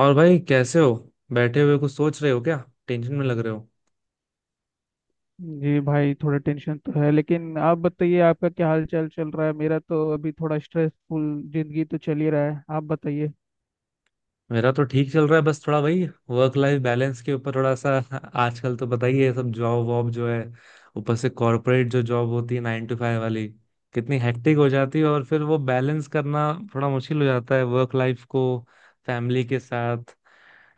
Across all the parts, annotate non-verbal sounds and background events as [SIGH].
और भाई कैसे हो? बैठे हुए कुछ सोच रहे हो क्या? टेंशन में लग रहे हो। जी भाई, थोड़ा टेंशन तो है। लेकिन आप बताइए, आपका क्या हाल चाल चल रहा है? मेरा तो अभी थोड़ा स्ट्रेसफुल जिंदगी तो चल ही रहा है। आप बताइए। मेरा तो ठीक चल रहा है, बस थोड़ा वही वर्क लाइफ बैलेंस के ऊपर थोड़ा सा [LAUGHS] आजकल तो पता ही है सब, जॉब वॉब जो है, ऊपर से कॉरपोरेट जो जॉब होती है 9 टू 5 वाली, कितनी हेक्टिक हो जाती है। और फिर वो बैलेंस करना थोड़ा मुश्किल हो जाता है, वर्क लाइफ को फैमिली के साथ,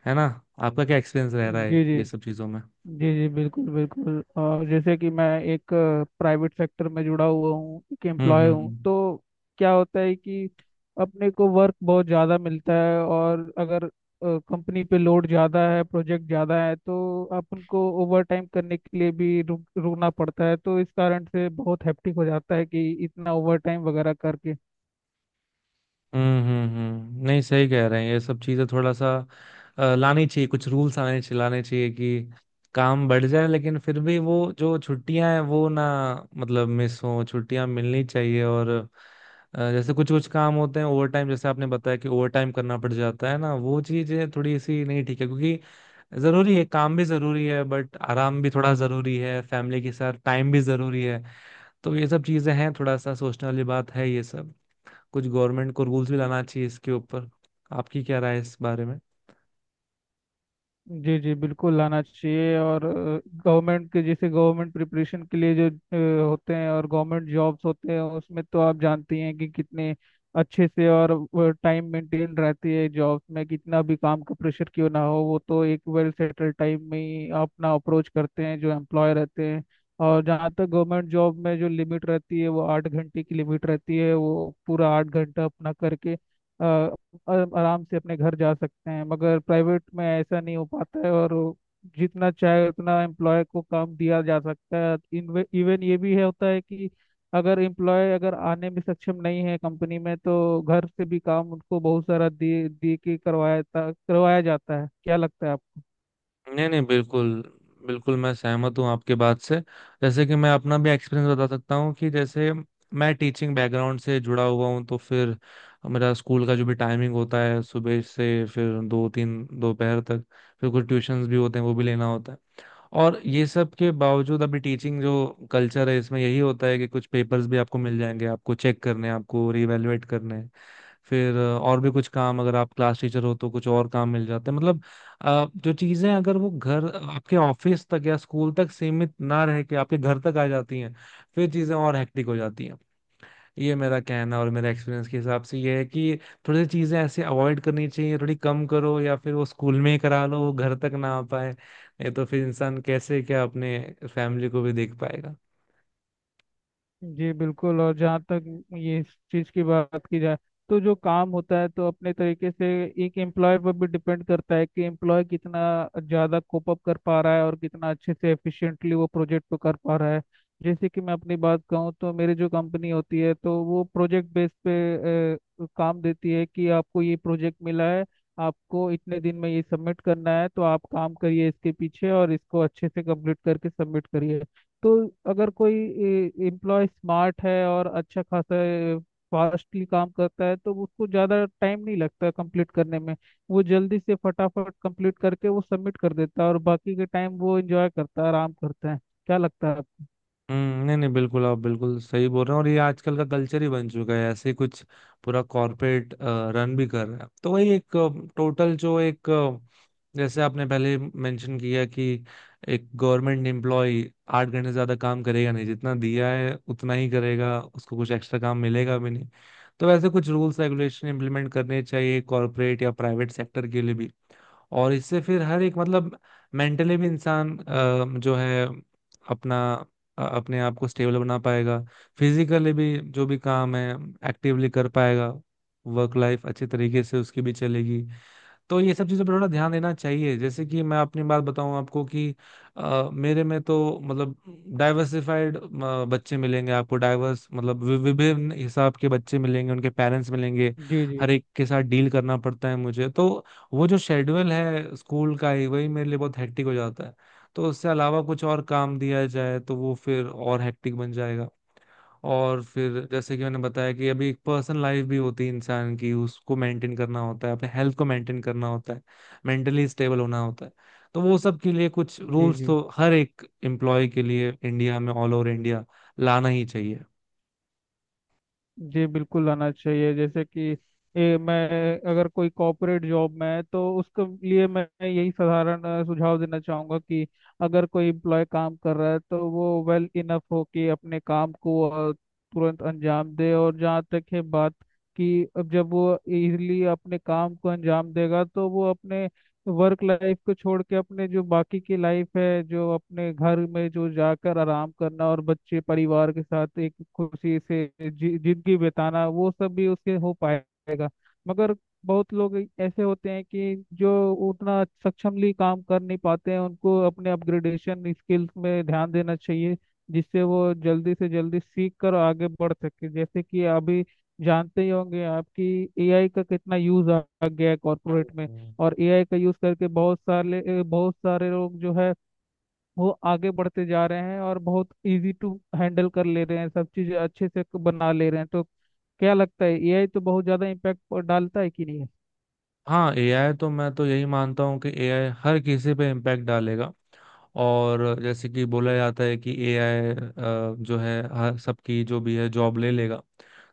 है ना? आपका क्या एक्सपीरियंस रह रहा जी, है जी। ये सब चीजों में? जी, जी। बिल्कुल बिल्कुल, और जैसे कि मैं एक प्राइवेट सेक्टर में जुड़ा हुआ हूँ, एक हम्म एम्प्लॉय हम्म हूँ। हम्म। तो क्या होता है कि अपने को वर्क बहुत ज़्यादा मिलता है। और अगर कंपनी पे लोड ज़्यादा है, प्रोजेक्ट ज़्यादा है, तो अपन को ओवर टाइम करने के लिए भी रुकना पड़ता है। तो इस कारण से बहुत हैप्टिक हो जाता है कि इतना ओवर टाइम वगैरह करके। नहीं, सही कह रहे हैं, ये सब चीजें थोड़ा सा लानी चाहिए। कुछ रूल्स आने चाहिए, लाने चाहिए कि काम बढ़ जाए, लेकिन फिर भी वो जो छुट्टियां हैं वो ना, मतलब मिस हो, छुट्टियां मिलनी चाहिए। और जैसे कुछ कुछ काम होते हैं ओवर टाइम, जैसे आपने बताया कि ओवर टाइम करना पड़ जाता है ना, वो चीजें थोड़ी सी नहीं ठीक है, क्योंकि जरूरी है, काम भी जरूरी है, बट आराम भी थोड़ा जरूरी है, फैमिली के साथ टाइम भी जरूरी है। तो ये सब चीजें हैं, थोड़ा सा सोचने वाली बात है ये सब। कुछ गवर्नमेंट को रूल्स भी लाना चाहिए इसके ऊपर। आपकी क्या राय है इस बारे में? जी, जी। बिल्कुल लाना चाहिए। और गवर्नमेंट के, जैसे गवर्नमेंट प्रिपरेशन के लिए जो होते हैं और गवर्नमेंट जॉब्स होते हैं, उसमें तो आप जानती हैं कि कितने अच्छे से और टाइम मेंटेन रहती है। जॉब्स में कितना भी काम का प्रेशर क्यों ना हो, वो तो एक वेल सेटल टाइम में ही अपना अप्रोच करते हैं जो एम्प्लॉय रहते हैं। और जहाँ तक गवर्नमेंट जॉब में जो लिमिट रहती है, वो 8 घंटे की लिमिट रहती है। वो पूरा 8 घंटा अपना करके आराम से अपने घर जा सकते हैं। मगर प्राइवेट में ऐसा नहीं हो पाता है, और वो जितना चाहे उतना एम्प्लॉय को काम दिया जा सकता है। इवन ये भी है होता है कि अगर एम्प्लॉय अगर आने में सक्षम नहीं है कंपनी में, तो घर से भी काम उनको बहुत सारा दे दे के करवाया करवाया जाता है। क्या लगता है आपको? नहीं नहीं, बिल्कुल बिल्कुल, मैं सहमत हूँ आपके बात से। जैसे कि मैं अपना भी एक्सपीरियंस बता सकता हूँ कि जैसे मैं टीचिंग बैकग्राउंड से जुड़ा हुआ हूँ, तो फिर मेरा स्कूल का जो भी टाइमिंग होता है सुबह से फिर दो तीन दोपहर तक, फिर कुछ ट्यूशंस भी होते हैं, वो भी लेना होता है। और ये सब के बावजूद अभी टीचिंग जो कल्चर है, इसमें यही होता है कि कुछ पेपर्स भी आपको मिल जाएंगे, आपको चेक करने हैं, आपको रिवेलुएट करने हैं। फिर और भी कुछ काम, अगर आप क्लास टीचर हो तो कुछ और काम मिल जाते हैं, मतलब जो चीजें अगर वो घर, आपके ऑफिस तक या स्कूल तक सीमित ना रह के आपके घर तक आ जाती हैं, फिर चीजें और हेक्टिक हो जाती हैं। ये मेरा कहना और मेरा एक्सपीरियंस के हिसाब से ये है कि थोड़ी सी चीजें ऐसे अवॉइड करनी चाहिए, थोड़ी कम करो या फिर वो स्कूल में ही करा लो, वो घर तक ना आ पाए, नहीं तो फिर इंसान कैसे क्या अपने फैमिली को भी देख पाएगा। जी बिल्कुल। और जहाँ तक ये इस चीज़ की बात की जाए, तो जो काम होता है, तो अपने तरीके से एक एम्प्लॉय पर भी डिपेंड करता है कि एम्प्लॉय कितना ज़्यादा कोप अप कर पा रहा है और कितना अच्छे से एफिशिएंटली वो प्रोजेक्ट को कर पा रहा है। जैसे कि मैं अपनी बात कहूँ, तो मेरी जो कंपनी होती है, तो वो प्रोजेक्ट बेस पे काम देती है कि आपको ये प्रोजेक्ट मिला है, आपको इतने दिन में ये सबमिट करना है, तो आप काम करिए इसके पीछे और इसको अच्छे से कंप्लीट करके सबमिट करिए। तो अगर कोई एम्प्लॉय स्मार्ट है और अच्छा खासा फास्टली काम करता है, तो उसको ज़्यादा टाइम नहीं लगता कंप्लीट करने में। वो जल्दी से फटाफट कंप्लीट करके वो सबमिट कर देता है, और बाकी के टाइम वो एंजॉय करता है, आराम करता है। क्या लगता है आपको? हम्म, नहीं नहीं, बिल्कुल आप बिल्कुल सही बोल रहे हैं। और ये आजकल का कल्चर ही बन चुका है ऐसे ही कुछ, पूरा कॉर्पोरेट रन भी कर रहा है तो वही एक टोटल जो एक जैसे आपने पहले मेंशन किया कि एक गवर्नमेंट एम्प्लॉय 8 घंटे से ज्यादा काम करेगा नहीं, जितना दिया है उतना ही करेगा, उसको कुछ एक्स्ट्रा काम मिलेगा भी नहीं। तो वैसे कुछ रूल्स रेगुलेशन इंप्लीमेंट करने चाहिए कॉर्पोरेट या प्राइवेट सेक्टर के लिए भी। और इससे फिर हर एक, मतलब मेंटली भी इंसान जो है अपना, अपने आप को स्टेबल बना पाएगा, फिजिकली भी जो भी काम है एक्टिवली कर पाएगा, वर्क लाइफ अच्छे तरीके से उसकी भी चलेगी। तो ये सब चीज़ों पर थोड़ा ध्यान देना चाहिए। जैसे कि मैं अपनी बात बताऊं आपको कि मेरे में तो, मतलब डाइवर्सिफाइड बच्चे मिलेंगे आपको, डाइवर्स मतलब विभिन्न हिसाब के बच्चे मिलेंगे, उनके पेरेंट्स मिलेंगे, जी, जी। हर एक के साथ डील करना पड़ता है मुझे तो। वो जो शेड्यूल है स्कूल का ही, वही मेरे लिए बहुत हेक्टिक हो जाता है। तो उससे अलावा कुछ और काम दिया जाए तो वो फिर और हेक्टिक बन जाएगा। और फिर जैसे कि मैंने बताया कि अभी एक पर्सनल लाइफ भी होती है इंसान की, उसको मेंटेन करना होता है, अपने हेल्थ को मेंटेन करना होता है, मेंटली स्टेबल होना होता है। तो वो सब के लिए कुछ जी, रूल्स जी। तो हर एक एम्प्लॉय के लिए इंडिया में, ऑल ओवर इंडिया लाना ही चाहिए। जी बिल्कुल आना चाहिए। जैसे कि ये मैं, अगर कोई कॉर्पोरेट जॉब में है तो उसके लिए मैं यही साधारण सुझाव देना चाहूँगा कि अगर कोई एम्प्लॉय काम कर रहा है तो वो वेल इनफ हो कि अपने काम को तुरंत अंजाम दे। और जहाँ तक है बात, कि अब जब वो इजीली अपने काम को अंजाम देगा, तो वो अपने वर्क लाइफ को छोड़ के अपने जो बाकी की लाइफ है, जो अपने घर में जो जाकर आराम करना और बच्चे परिवार के साथ एक खुशी से जिंदगी बिताना, वो सब भी उससे हो पाएगा। मगर बहुत लोग ऐसे होते हैं कि जो उतना सक्षमली काम कर नहीं पाते हैं। उनको अपने अपग्रेडेशन स्किल्स में ध्यान देना चाहिए, जिससे वो जल्दी से जल्दी सीख कर आगे बढ़ सके। जैसे कि अभी जानते ही होंगे आपकी, एआई का कितना यूज आ आ गया है हम्म, कॉर्पोरेट में। हम्म। और एआई का यूज करके बहुत सारे लोग जो है, वो आगे बढ़ते जा रहे हैं और बहुत इजी टू हैंडल कर ले रहे हैं, सब चीज़ अच्छे से बना ले रहे हैं। तो क्या लगता है, एआई तो बहुत ज़्यादा इम्पैक्ट डालता है कि नहीं? हाँ, एआई तो, मैं तो यही मानता हूँ कि एआई हर किसी पे इम्पैक्ट डालेगा। और जैसे कि बोला जाता है कि एआई जो है हर सबकी जो भी है जॉब ले लेगा,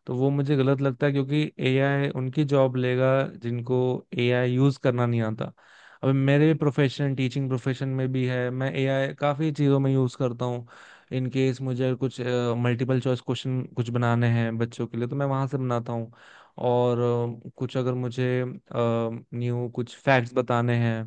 तो वो मुझे गलत लगता है, क्योंकि एआई उनकी जॉब लेगा जिनको एआई यूज करना नहीं आता। अब मेरे प्रोफेशन, टीचिंग प्रोफेशन में भी है, मैं एआई काफी चीजों में यूज करता हूँ। इन केस मुझे कुछ मल्टीपल चॉइस क्वेश्चन कुछ बनाने हैं बच्चों के लिए, तो मैं वहां से बनाता हूँ। और कुछ अगर मुझे न्यू कुछ फैक्ट्स बताने हैं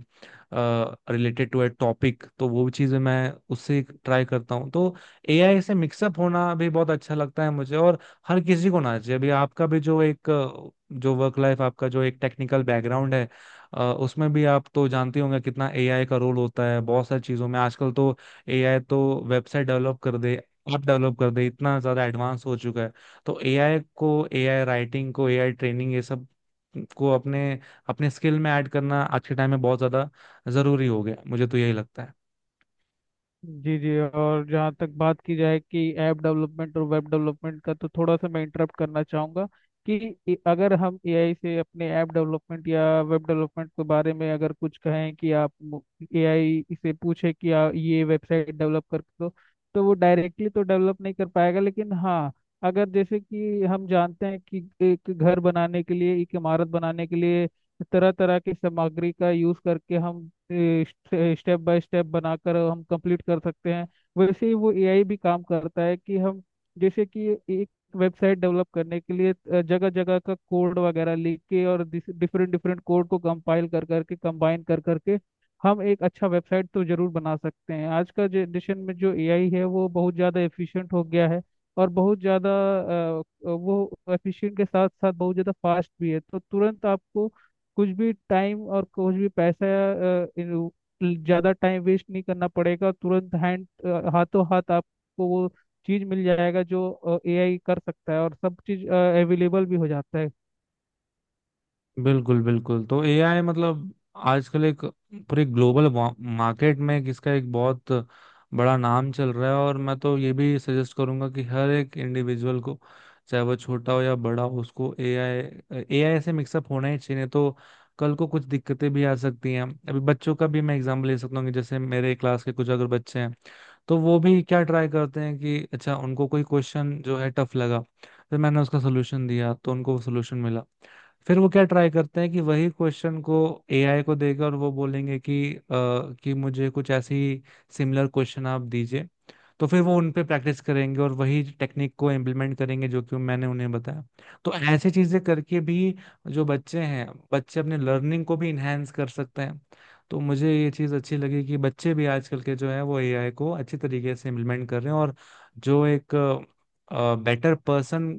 रिलेटेड टू ए टॉपिक, तो वो चीज़ें मैं उससे ट्राई करता हूँ। तो एआई से मिक्सअप होना भी बहुत अच्छा लगता है मुझे, और हर किसी को ना चाहिए। अभी आपका भी जो एक जो वर्क लाइफ, आपका जो एक टेक्निकल बैकग्राउंड है, उसमें भी आप तो जानते होंगे कितना एआई का रोल होता है बहुत सारी चीजों में आजकल तो। एआई तो वेबसाइट डेवलप कर दे, ऐप डेवलप कर दे, इतना ज्यादा एडवांस हो चुका है। तो एआई को, एआई राइटिंग को, एआई ट्रेनिंग, ये सब को अपने, अपने स्किल में ऐड करना आज के टाइम में बहुत ज्यादा जरूरी हो गया, मुझे तो यही लगता है। जी, जी। और जहाँ तक बात की जाए कि ऐप डेवलपमेंट और वेब डेवलपमेंट का, तो थोड़ा सा मैं इंटरप्ट करना चाहूँगा कि अगर हम एआई से अपने ऐप डेवलपमेंट या वेब डेवलपमेंट के बारे में अगर कुछ कहें कि आप एआई से पूछे कि ये वेबसाइट डेवलप कर दो। तो वो डायरेक्टली तो डेवलप नहीं कर पाएगा। लेकिन हाँ, अगर जैसे कि हम जानते हैं कि एक घर बनाने के लिए, एक इमारत बनाने के लिए तरह तरह की सामग्री का यूज करके हम स्टेप बाय स्टेप बनाकर हम कंप्लीट कर सकते हैं। वैसे ही वो एआई भी काम करता है कि हम, जैसे कि एक वेबसाइट डेवलप करने के लिए जगह जगह का कोड वगैरह लिख के और डिफरेंट डिफरेंट कोड को कंपाइल कर करके कंबाइन कर करके हम एक अच्छा वेबसाइट तो जरूर बना सकते हैं। आज का जनरेशन में जो एआई है वो बहुत ज़्यादा एफिशिएंट हो गया है। और बहुत ज़्यादा वो एफिशिएंट के साथ साथ बहुत ज़्यादा फास्ट भी है। तो तुरंत आपको कुछ भी टाइम और कुछ भी पैसा, अ, इन- ज्यादा टाइम वेस्ट नहीं करना पड़ेगा। तुरंत हाथों हाथ आपको वो चीज मिल जाएगा जो एआई कर सकता है, और सब चीज अवेलेबल भी हो जाता है। बिल्कुल बिल्कुल, तो एआई मतलब आजकल एक पूरे ग्लोबल मार्केट में इसका एक बहुत बड़ा नाम चल रहा है। और मैं तो ये भी सजेस्ट करूंगा कि हर एक इंडिविजुअल को, चाहे वो छोटा हो या बड़ा हो, उसको एआई एआई से मिक्सअप होना ही चाहिए, नहीं तो कल को कुछ दिक्कतें भी आ सकती हैं। अभी बच्चों का भी मैं एग्जाम्पल ले सकता हूँ कि जैसे मेरे क्लास के कुछ अगर बच्चे हैं, तो वो भी क्या ट्राई करते हैं कि अच्छा उनको कोई क्वेश्चन जो है टफ लगा, फिर मैंने उसका सोल्यूशन दिया तो उनको वो सोल्यूशन मिला, फिर वो क्या ट्राई करते हैं कि वही क्वेश्चन को एआई को देगा और वो बोलेंगे कि कि मुझे कुछ ऐसी सिमिलर क्वेश्चन आप दीजिए। तो फिर वो उन पे प्रैक्टिस करेंगे और वही टेक्निक को इम्प्लीमेंट करेंगे जो कि मैंने उन्हें बताया। तो ऐसी चीजें करके भी जो बच्चे हैं, बच्चे अपने लर्निंग को भी इन्हेंस कर सकते हैं। तो मुझे ये चीज अच्छी लगी कि बच्चे भी आजकल के जो है वो एआई को अच्छी तरीके से इम्प्लीमेंट कर रहे हैं। और जो एक बेटर पर्सन, अ,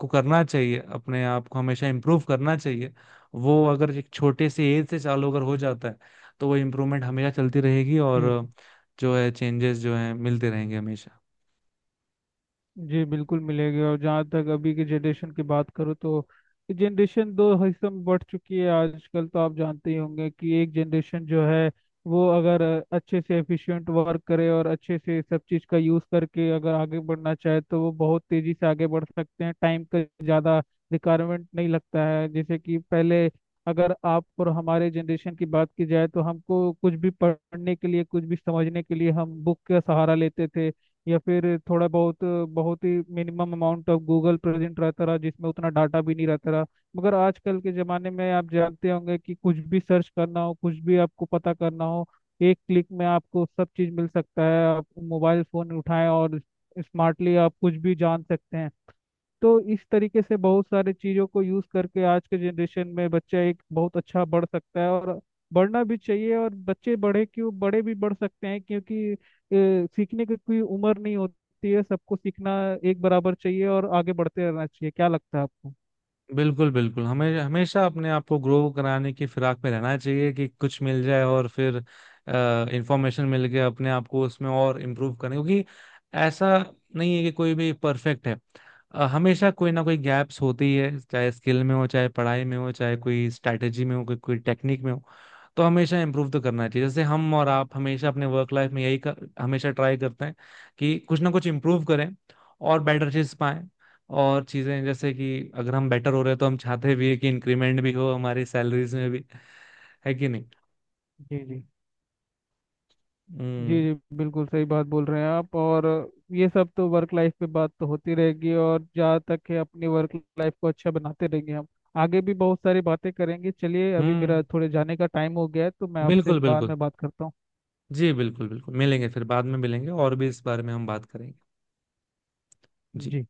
को करना चाहिए, अपने आप को हमेशा इम्प्रूव करना चाहिए। वो अगर एक छोटे से एज से चालू अगर हो जाता है, तो वो इम्प्रूवमेंट हमेशा चलती रहेगी और जी, जो है चेंजेस जो है मिलते रहेंगे हमेशा। जी। बिल्कुल मिलेगी। और जहाँ तक अभी की जनरेशन की बात करो, तो जनरेशन दो हिस्सों में बढ़ चुकी है आजकल। तो आप जानते ही होंगे कि एक जनरेशन जो है, वो अगर अच्छे से एफिशिएंट वर्क करे और अच्छे से सब चीज़ का यूज़ करके अगर आगे बढ़ना चाहे, तो वो बहुत तेज़ी से आगे बढ़ सकते हैं। टाइम का ज़्यादा रिक्वायरमेंट नहीं लगता है, जैसे कि पहले। अगर आप और हमारे जनरेशन की बात की जाए, तो हमको कुछ भी पढ़ने के लिए, कुछ भी समझने के लिए हम बुक का सहारा लेते थे। या फिर थोड़ा बहुत, बहुत ही minimum amount of Google present रहता रहा, जिसमें उतना डाटा भी नहीं रहता रहा। मगर आजकल के ज़माने में आप जानते होंगे कि कुछ भी सर्च करना हो, कुछ भी आपको पता करना हो, एक क्लिक में आपको सब चीज़ मिल सकता है। आप मोबाइल फ़ोन उठाएं और स्मार्टली आप कुछ भी जान सकते हैं। तो इस तरीके से बहुत सारे चीज़ों को यूज़ करके आज के जनरेशन में बच्चा एक बहुत अच्छा बढ़ सकता है, और बढ़ना भी चाहिए। और बच्चे बढ़े क्यों, बड़े भी बढ़ सकते हैं क्योंकि सीखने की कोई उम्र नहीं होती है। सबको सीखना एक बराबर चाहिए और आगे बढ़ते रहना चाहिए। क्या लगता है आपको? बिल्कुल बिल्कुल, हमें हमेशा अपने आप को ग्रो कराने की फिराक में रहना चाहिए कि कुछ मिल जाए और फिर इंफॉर्मेशन मिल गया, अपने आप को उसमें और इम्प्रूव करने, क्योंकि ऐसा नहीं है कि कोई भी परफेक्ट है। हमेशा कोई ना कोई गैप्स होती है, चाहे स्किल में हो, चाहे पढ़ाई में हो, चाहे कोई स्ट्रैटेजी में हो, कोई कोई टेक्निक में हो। तो हमेशा इम्प्रूव तो करना चाहिए, जैसे हम और आप हमेशा अपने वर्क लाइफ में यही हमेशा ट्राई करते हैं कि कुछ ना कुछ इम्प्रूव करें और बेटर चीज पाएं। और चीजें जैसे कि अगर हम बेटर हो रहे हैं तो हम चाहते भी है कि इंक्रीमेंट भी हो हमारी सैलरीज में भी, है कि नहीं? जी, जी। जी, हम्म जी। बिल्कुल सही बात बोल रहे हैं आप। और ये सब तो वर्क लाइफ पे बात तो होती रहेगी, और जहाँ तक है, अपनी वर्क लाइफ को अच्छा बनाते रहेंगे हम। आगे भी बहुत सारी बातें करेंगे। चलिए, अभी मेरा हम्म, थोड़े जाने का टाइम हो गया है, तो मैं आपसे बिल्कुल बाद बिल्कुल। में बात करता हूँ। जी बिल्कुल बिल्कुल, मिलेंगे फिर, बाद में मिलेंगे और भी इस बारे में हम बात करेंगे। जी। जी।